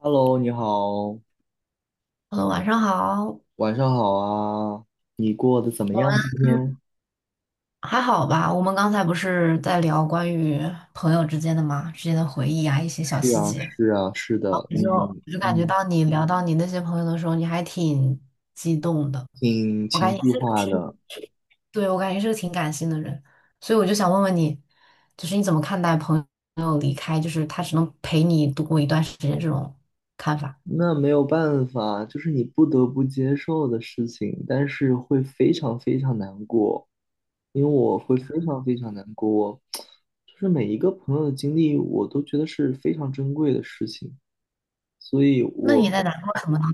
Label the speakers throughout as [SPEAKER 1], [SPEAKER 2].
[SPEAKER 1] Hello，你好，
[SPEAKER 2] hello，晚上好，
[SPEAKER 1] 晚上好啊，你过得怎么样？今
[SPEAKER 2] 嗯，
[SPEAKER 1] 天
[SPEAKER 2] 还好吧。我们刚才不是在聊关于朋友之间的嘛，之间的回忆啊，一些小
[SPEAKER 1] 是
[SPEAKER 2] 细
[SPEAKER 1] 啊，
[SPEAKER 2] 节。
[SPEAKER 1] 是啊，是
[SPEAKER 2] 然后
[SPEAKER 1] 的，
[SPEAKER 2] 我就我
[SPEAKER 1] 嗯
[SPEAKER 2] 就感觉
[SPEAKER 1] 嗯，
[SPEAKER 2] 到你聊到你那些朋友的时候，你还挺激动的。
[SPEAKER 1] 挺
[SPEAKER 2] 我
[SPEAKER 1] 情
[SPEAKER 2] 感觉你
[SPEAKER 1] 绪
[SPEAKER 2] 是个
[SPEAKER 1] 化
[SPEAKER 2] 挺，
[SPEAKER 1] 的，
[SPEAKER 2] 对，我感觉你是个挺感性的人，所以我就想问问你，就是你怎么看待朋友离开，就是他只能陪你度过一段时间这种看法？
[SPEAKER 1] 那没有办法，就是你不得不接受的事情，但是会非常非常难过，因为我会非常非常难过，我 就是每一个朋友的经历，我都觉得是非常珍贵的事情，所以
[SPEAKER 2] 那
[SPEAKER 1] 我
[SPEAKER 2] 你在难过什么呢？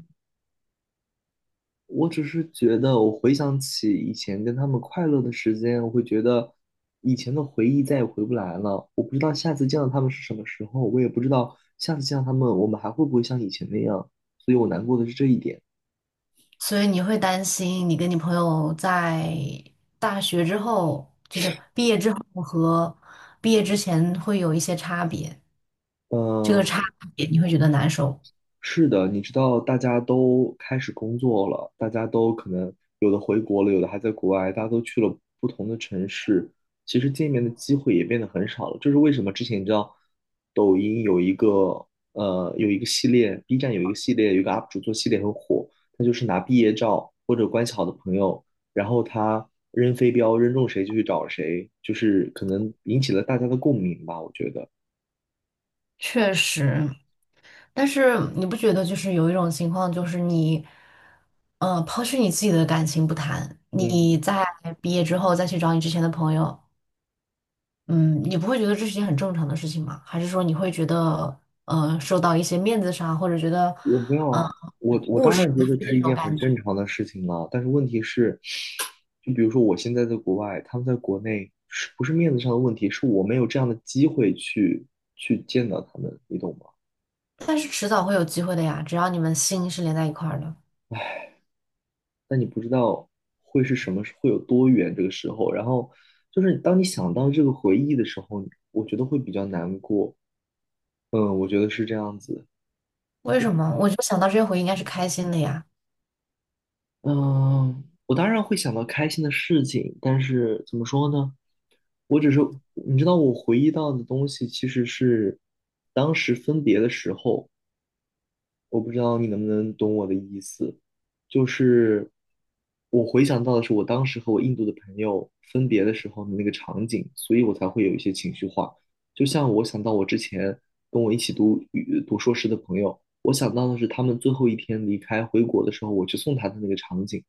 [SPEAKER 1] 我只是觉得，我回想起以前跟他们快乐的时间，我会觉得以前的回忆再也回不来了。我不知道下次见到他们是什么时候，我也不知道下次见到他们，我们还会不会像以前那样。所以我难过的是这一点。
[SPEAKER 2] 所以你会担心你跟你朋友在大学之后，就是毕业之后和毕业之前会有一些差别，这个差
[SPEAKER 1] 嗯。
[SPEAKER 2] 别你会觉得难受。
[SPEAKER 1] 是的，你知道，大家都开始工作了，大家都可能有的回国了，有的还在国外，大家都去了不同的城市，其实见面的机会也变得很少了。这是为什么？之前你知道，抖音有一个有一个系列，B 站有一个系列，有一个 UP 主做系列很火，他就是拿毕业照或者关系好的朋友，然后他扔飞镖，扔中谁就去找谁，就是可能引起了大家的共鸣吧，我觉得。
[SPEAKER 2] 确实，但是你不觉得就是有一种情况，就是你，抛去你自己的感情不谈，你
[SPEAKER 1] 嗯，
[SPEAKER 2] 在毕业之后再去找你之前的朋友，嗯，你不会觉得这是件很正常的事情吗？还是说你会觉得，受到一些面子上，或者觉得，
[SPEAKER 1] 我没有
[SPEAKER 2] 嗯、
[SPEAKER 1] 啊，我
[SPEAKER 2] 务
[SPEAKER 1] 当
[SPEAKER 2] 实
[SPEAKER 1] 然
[SPEAKER 2] 的
[SPEAKER 1] 觉得这
[SPEAKER 2] 那
[SPEAKER 1] 是一
[SPEAKER 2] 种
[SPEAKER 1] 件很
[SPEAKER 2] 感觉？
[SPEAKER 1] 正常的事情了，但是问题是，就比如说我现在在国外，他们在国内，是不是面子上的问题，是我没有这样的机会去见到他们，你懂吗？
[SPEAKER 2] 但是迟早会有机会的呀，只要你们心是连在一块儿的。
[SPEAKER 1] 但你不知道会是什么，会有多远这个时候，然后就是当你想到这个回忆的时候，我觉得会比较难过，嗯，我觉得是这样子。
[SPEAKER 2] 为什么？我就想到这些回忆应该是开心的呀。
[SPEAKER 1] 嗯，我当然会想到开心的事情，但是怎么说呢？我只是，你知道，我回忆到的东西其实是当时分别的时候。我不知道你能不能懂我的意思，就是我回想到的是我当时和我印度的朋友分别的时候的那个场景，所以我才会有一些情绪化。就像我想到我之前跟我一起读硕士的朋友，我想到的是他们最后一天离开回国的时候，我去送他的那个场景，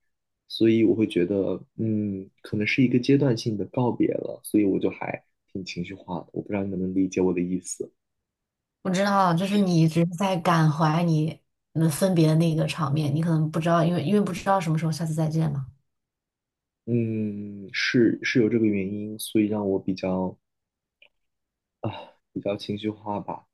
[SPEAKER 1] 所以我会觉得，嗯，可能是一个阶段性的告别了，所以我就还挺情绪化的。我不知道你能不能理解我的意思。
[SPEAKER 2] 我知道，就是你一直在感怀你们分别的那个场面，你可能不知道，因为不知道什么时候下次再见嘛。
[SPEAKER 1] 嗯，是有这个原因，所以让我比较啊比较情绪化吧。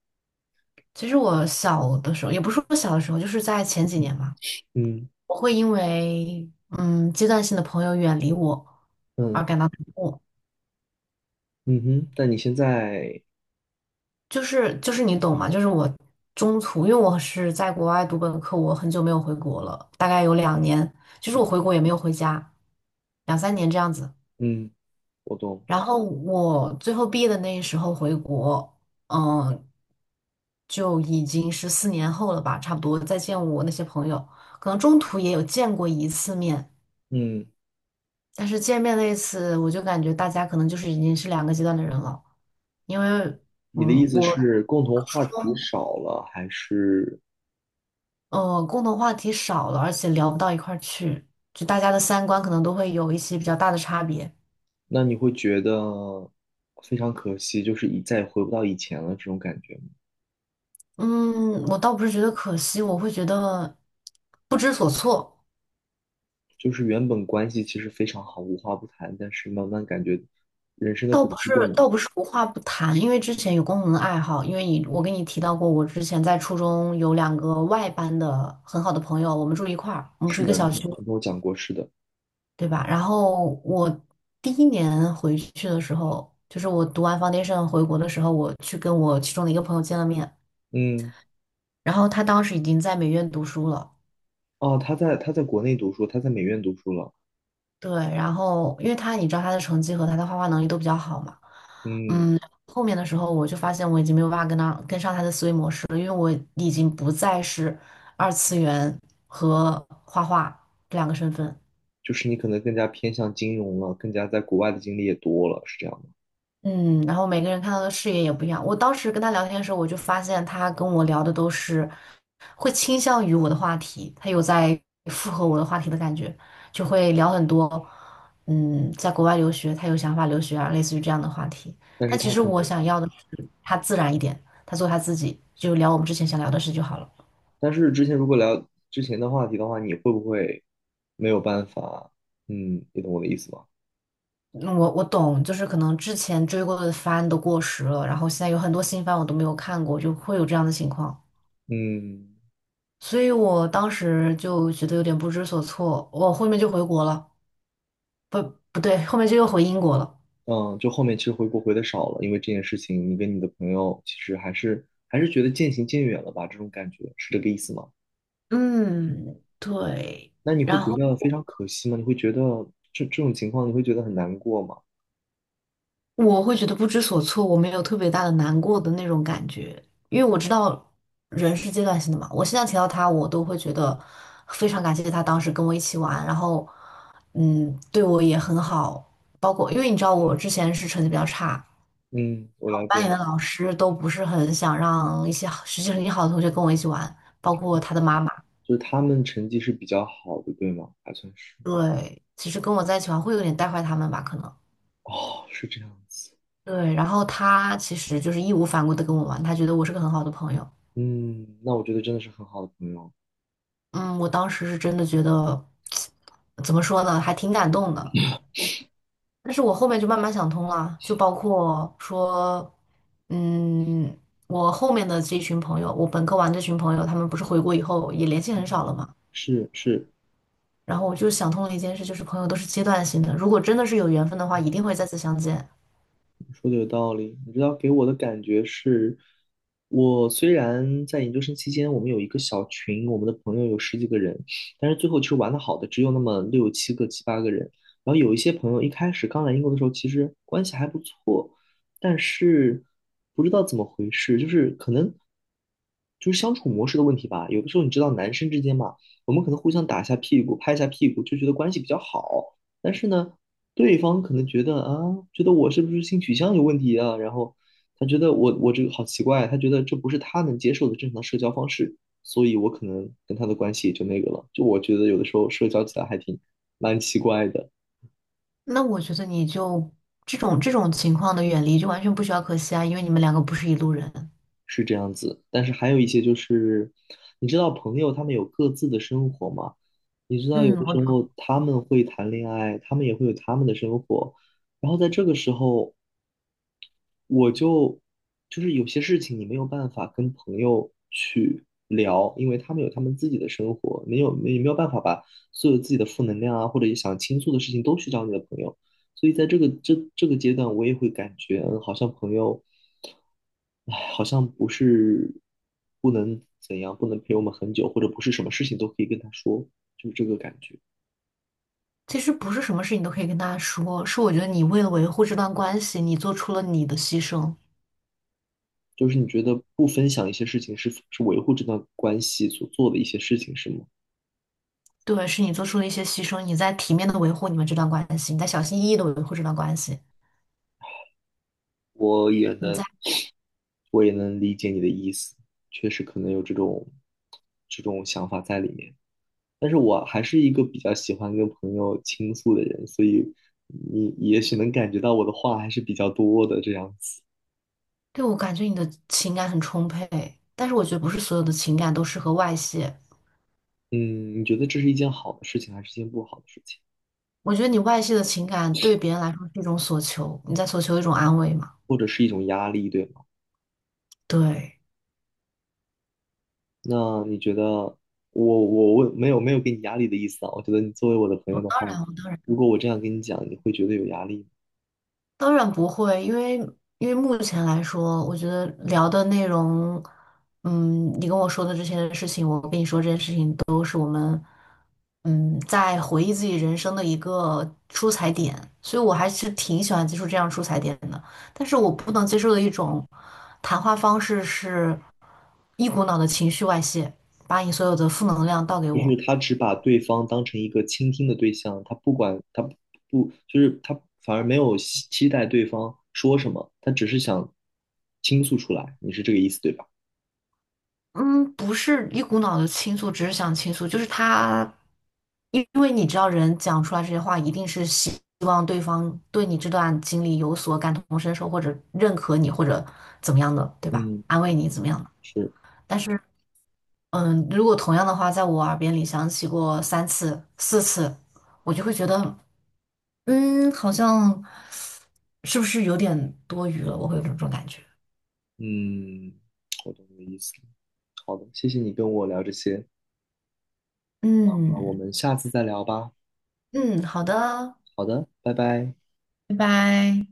[SPEAKER 2] 其实我小的时候，也不是说小的时候，就是在前几年嘛。
[SPEAKER 1] 嗯，
[SPEAKER 2] 我会因为阶段性的朋友远离我而
[SPEAKER 1] 嗯，
[SPEAKER 2] 感到难过，
[SPEAKER 1] 嗯哼，但你现在，
[SPEAKER 2] 就是你懂吗？就是我中途，因为我是在国外读本科，我很久没有回国了，大概有2年，就是
[SPEAKER 1] 嗯，
[SPEAKER 2] 我回国也没有回家，两三年这样子。
[SPEAKER 1] 嗯，我懂。
[SPEAKER 2] 然后我最后毕业的那时候回国，嗯，就已经是4年后了吧，差不多再见我那些朋友，可能中途也有见过一次面。
[SPEAKER 1] 嗯，
[SPEAKER 2] 但是见面那一次，我就感觉大家可能就是已经是两个阶段的人了，因为
[SPEAKER 1] 你的意思
[SPEAKER 2] 我
[SPEAKER 1] 是共同话题少了，还是
[SPEAKER 2] 共同话题少了，而且聊不到一块儿去，就大家的三观可能都会有一些比较大的差别。
[SPEAKER 1] 那你会觉得非常可惜，就是一再也回不到以前了这种感觉吗？
[SPEAKER 2] 嗯，我倒不是觉得可惜，我会觉得不知所措。
[SPEAKER 1] 就是原本关系其实非常好，无话不谈，但是慢慢感觉人生的
[SPEAKER 2] 倒
[SPEAKER 1] 轨
[SPEAKER 2] 不
[SPEAKER 1] 迹
[SPEAKER 2] 是，
[SPEAKER 1] 变了。
[SPEAKER 2] 倒不是无话不谈，因为之前有共同的爱好，因为你，我跟你提到过，我之前在初中有两个外班的很好的朋友，我们住一块儿，我们住
[SPEAKER 1] 是
[SPEAKER 2] 一个
[SPEAKER 1] 的，你
[SPEAKER 2] 小区。
[SPEAKER 1] 跟我讲过，是的，
[SPEAKER 2] 对吧？然后我第一年回去的时候，就是我读完 foundation 回国的时候，我去跟我其中的一个朋友见了面，
[SPEAKER 1] 嗯。
[SPEAKER 2] 然后他当时已经在美院读书了，
[SPEAKER 1] 哦，他在国内读书，他在美院读书了。
[SPEAKER 2] 对，然后因为他你知道他的成绩和他的画画能力都比较好嘛，
[SPEAKER 1] 嗯，
[SPEAKER 2] 嗯，后面的时候我就发现我已经没有办法跟他跟上他的思维模式了，因为我已经不再是二次元和画画两个身份。
[SPEAKER 1] 就是你可能更加偏向金融了，更加在国外的经历也多了，是这样的。
[SPEAKER 2] 嗯，然后每个人看到的视野也不一样。我当时跟他聊天的时候，我就发现他跟我聊的都是会倾向于我的话题，他有在附和我的话题的感觉，就会聊很多，在国外留学，他有想法留学啊，类似于这样的话题。
[SPEAKER 1] 但是
[SPEAKER 2] 但其
[SPEAKER 1] 他
[SPEAKER 2] 实
[SPEAKER 1] 可
[SPEAKER 2] 我
[SPEAKER 1] 能，
[SPEAKER 2] 想要的是他自然一点，他做他自己，就聊我们之前想聊的事就好了。
[SPEAKER 1] 但是之前如果聊之前的话题的话，你会不会没有办法？嗯，你懂我的意思吗？
[SPEAKER 2] 嗯，我懂，就是可能之前追过的番都过时了，然后现在有很多新番我都没有看过，就会有这样的情况。
[SPEAKER 1] 嗯，
[SPEAKER 2] 所以我当时就觉得有点不知所措，我后面就回国了，不，不对，后面就又回英国了。
[SPEAKER 1] 嗯，就后面其实回国回的少了，因为这件事情，你跟你的朋友其实还是觉得渐行渐远了吧？这种感觉是这个意思吗？
[SPEAKER 2] 嗯，对。
[SPEAKER 1] 那你会
[SPEAKER 2] 然
[SPEAKER 1] 觉
[SPEAKER 2] 后
[SPEAKER 1] 得非常可惜吗？你会觉得这种情况，你会觉得很难过吗？
[SPEAKER 2] 我会觉得不知所措，我没有特别大的难过的那种感觉，因为我知道人是阶段性的嘛。我现在提到他，我都会觉得非常感谢他当时跟我一起玩，然后对我也很好。包括因为你知道我之前是成绩比较差，
[SPEAKER 1] 嗯，我了
[SPEAKER 2] 班里的
[SPEAKER 1] 解。
[SPEAKER 2] 老师都不是很想让一些好学习成绩好的同学跟我一起玩，包括他的妈妈。
[SPEAKER 1] 就是他们成绩是比较好的，对吗？还算是。
[SPEAKER 2] 对，其实跟我在一起玩会有点带坏他们吧，可能。
[SPEAKER 1] 哦，是这样子。
[SPEAKER 2] 对，然后他其实就是义无反顾的跟我玩，他觉得我是个很好的朋友。
[SPEAKER 1] 嗯，那我觉得真的是很好的朋友。
[SPEAKER 2] 嗯，我当时是真的觉得，怎么说呢，还挺感动的。但是我后面就慢慢想通了，就包括说，嗯，我后面的这群朋友，我本科玩这群朋友，他们不是回国以后也联系
[SPEAKER 1] 嗯，
[SPEAKER 2] 很少了嘛。
[SPEAKER 1] 是是，
[SPEAKER 2] 然后我就想通了一件事，就是朋友都是阶段性的，如果真的是有缘分的话，一定会再次相见。
[SPEAKER 1] 说的有道理，你知道给我的感觉是，我虽然在研究生期间，我们有一个小群，我们的朋友有十几个人，但是最后其实玩的好的只有那么六七个、七八个人。然后有一些朋友一开始刚来英国的时候，其实关系还不错，但是不知道怎么回事，就是可能就是相处模式的问题吧。有的时候你知道，男生之间嘛，我们可能互相打一下屁股、拍一下屁股，就觉得关系比较好。但是呢，对方可能觉得啊，觉得我是不是性取向有问题啊？然后他觉得我这个好奇怪，他觉得这不是他能接受的正常社交方式，所以我可能跟他的关系也就那个了。就我觉得有的时候社交起来还挺蛮奇怪的，
[SPEAKER 2] 那我觉得你就这种情况的远离就完全不需要可惜啊，因为你们两个不是一路人。
[SPEAKER 1] 是这样子。但是还有一些就是，你知道朋友他们有各自的生活嘛？你知道有
[SPEAKER 2] 嗯，
[SPEAKER 1] 的时
[SPEAKER 2] 我
[SPEAKER 1] 候他们会谈恋爱，他们也会有他们的生活。然后在这个时候，我就是有些事情你没有办法跟朋友去聊，因为他们有他们自己的生活，没有办法把所有自己的负能量啊，或者想倾诉的事情都去找你的朋友，所以在这个这个阶段，我也会感觉，嗯，好像朋友，唉，好像不是不能怎样，不能陪我们很久，或者不是什么事情都可以跟他说，就是这个感觉。
[SPEAKER 2] 其实不是什么事你都可以跟大家说，是我觉得你为了维护这段关系，你做出了你的牺牲。
[SPEAKER 1] 就是你觉得不分享一些事情是维护这段关系所做的一些事情，是吗？
[SPEAKER 2] 对，是你做出了一些牺牲，你在体面的维护你们这段关系，你在小心翼翼的维护这段关系，
[SPEAKER 1] 我也
[SPEAKER 2] 你
[SPEAKER 1] 能
[SPEAKER 2] 在，
[SPEAKER 1] 我也能理解你的意思，确实可能有这种想法在里面。但是我还是一个比较喜欢跟朋友倾诉的人，所以你也许能感觉到我的话还是比较多的这样子。
[SPEAKER 2] 对，我感觉你的情感很充沛，但是我觉得不是所有的情感都适合外泄。
[SPEAKER 1] 嗯，你觉得这是一件好的事情，还是一件不好的事情，
[SPEAKER 2] 我觉得你外泄的情感对别人来说是一种索求，你在索求一种安慰嘛？
[SPEAKER 1] 或者是一种压力，对吗？
[SPEAKER 2] 对，
[SPEAKER 1] 那你觉得我没有给你压力的意思啊？我觉得你作为我的朋友的
[SPEAKER 2] 当
[SPEAKER 1] 话，
[SPEAKER 2] 然，当然，
[SPEAKER 1] 如果我这样跟你讲，你会觉得有压力吗？
[SPEAKER 2] 当然不会，因为目前来说，我觉得聊的内容，你跟我说的这些事情，我跟你说这些事情都，嗯，在回忆自己人生的一个出彩点，所以我还是挺喜欢接触这样出彩点的。但是我不能接受的一种谈话方式是，一股脑的情绪外泄，把你所有的负能量倒给
[SPEAKER 1] 就是
[SPEAKER 2] 我。
[SPEAKER 1] 他只把对方当成一个倾听的对象，他不管他不就是他反而没有期待对方说什么，他只是想倾诉出来。你是这个意思对吧？
[SPEAKER 2] 嗯，不是一股脑的倾诉，只是想倾诉，就是他，因为你知道，人讲出来这些话，一定是希望对方对你这段经历有所感同身受，或者认可你，或者怎么样的，对吧？
[SPEAKER 1] 嗯，
[SPEAKER 2] 安慰你怎么样的？
[SPEAKER 1] 是，
[SPEAKER 2] 但是，如果同样的话在我耳边里响起过3次、4次，我就会觉得，好像是不是有点多余了？我会有这种感觉。
[SPEAKER 1] 嗯，我懂你的意思。好的，谢谢你跟我聊这些，那我
[SPEAKER 2] 嗯
[SPEAKER 1] 们下次再聊吧。
[SPEAKER 2] 嗯，好的哦，
[SPEAKER 1] 好的，拜拜。
[SPEAKER 2] 拜拜。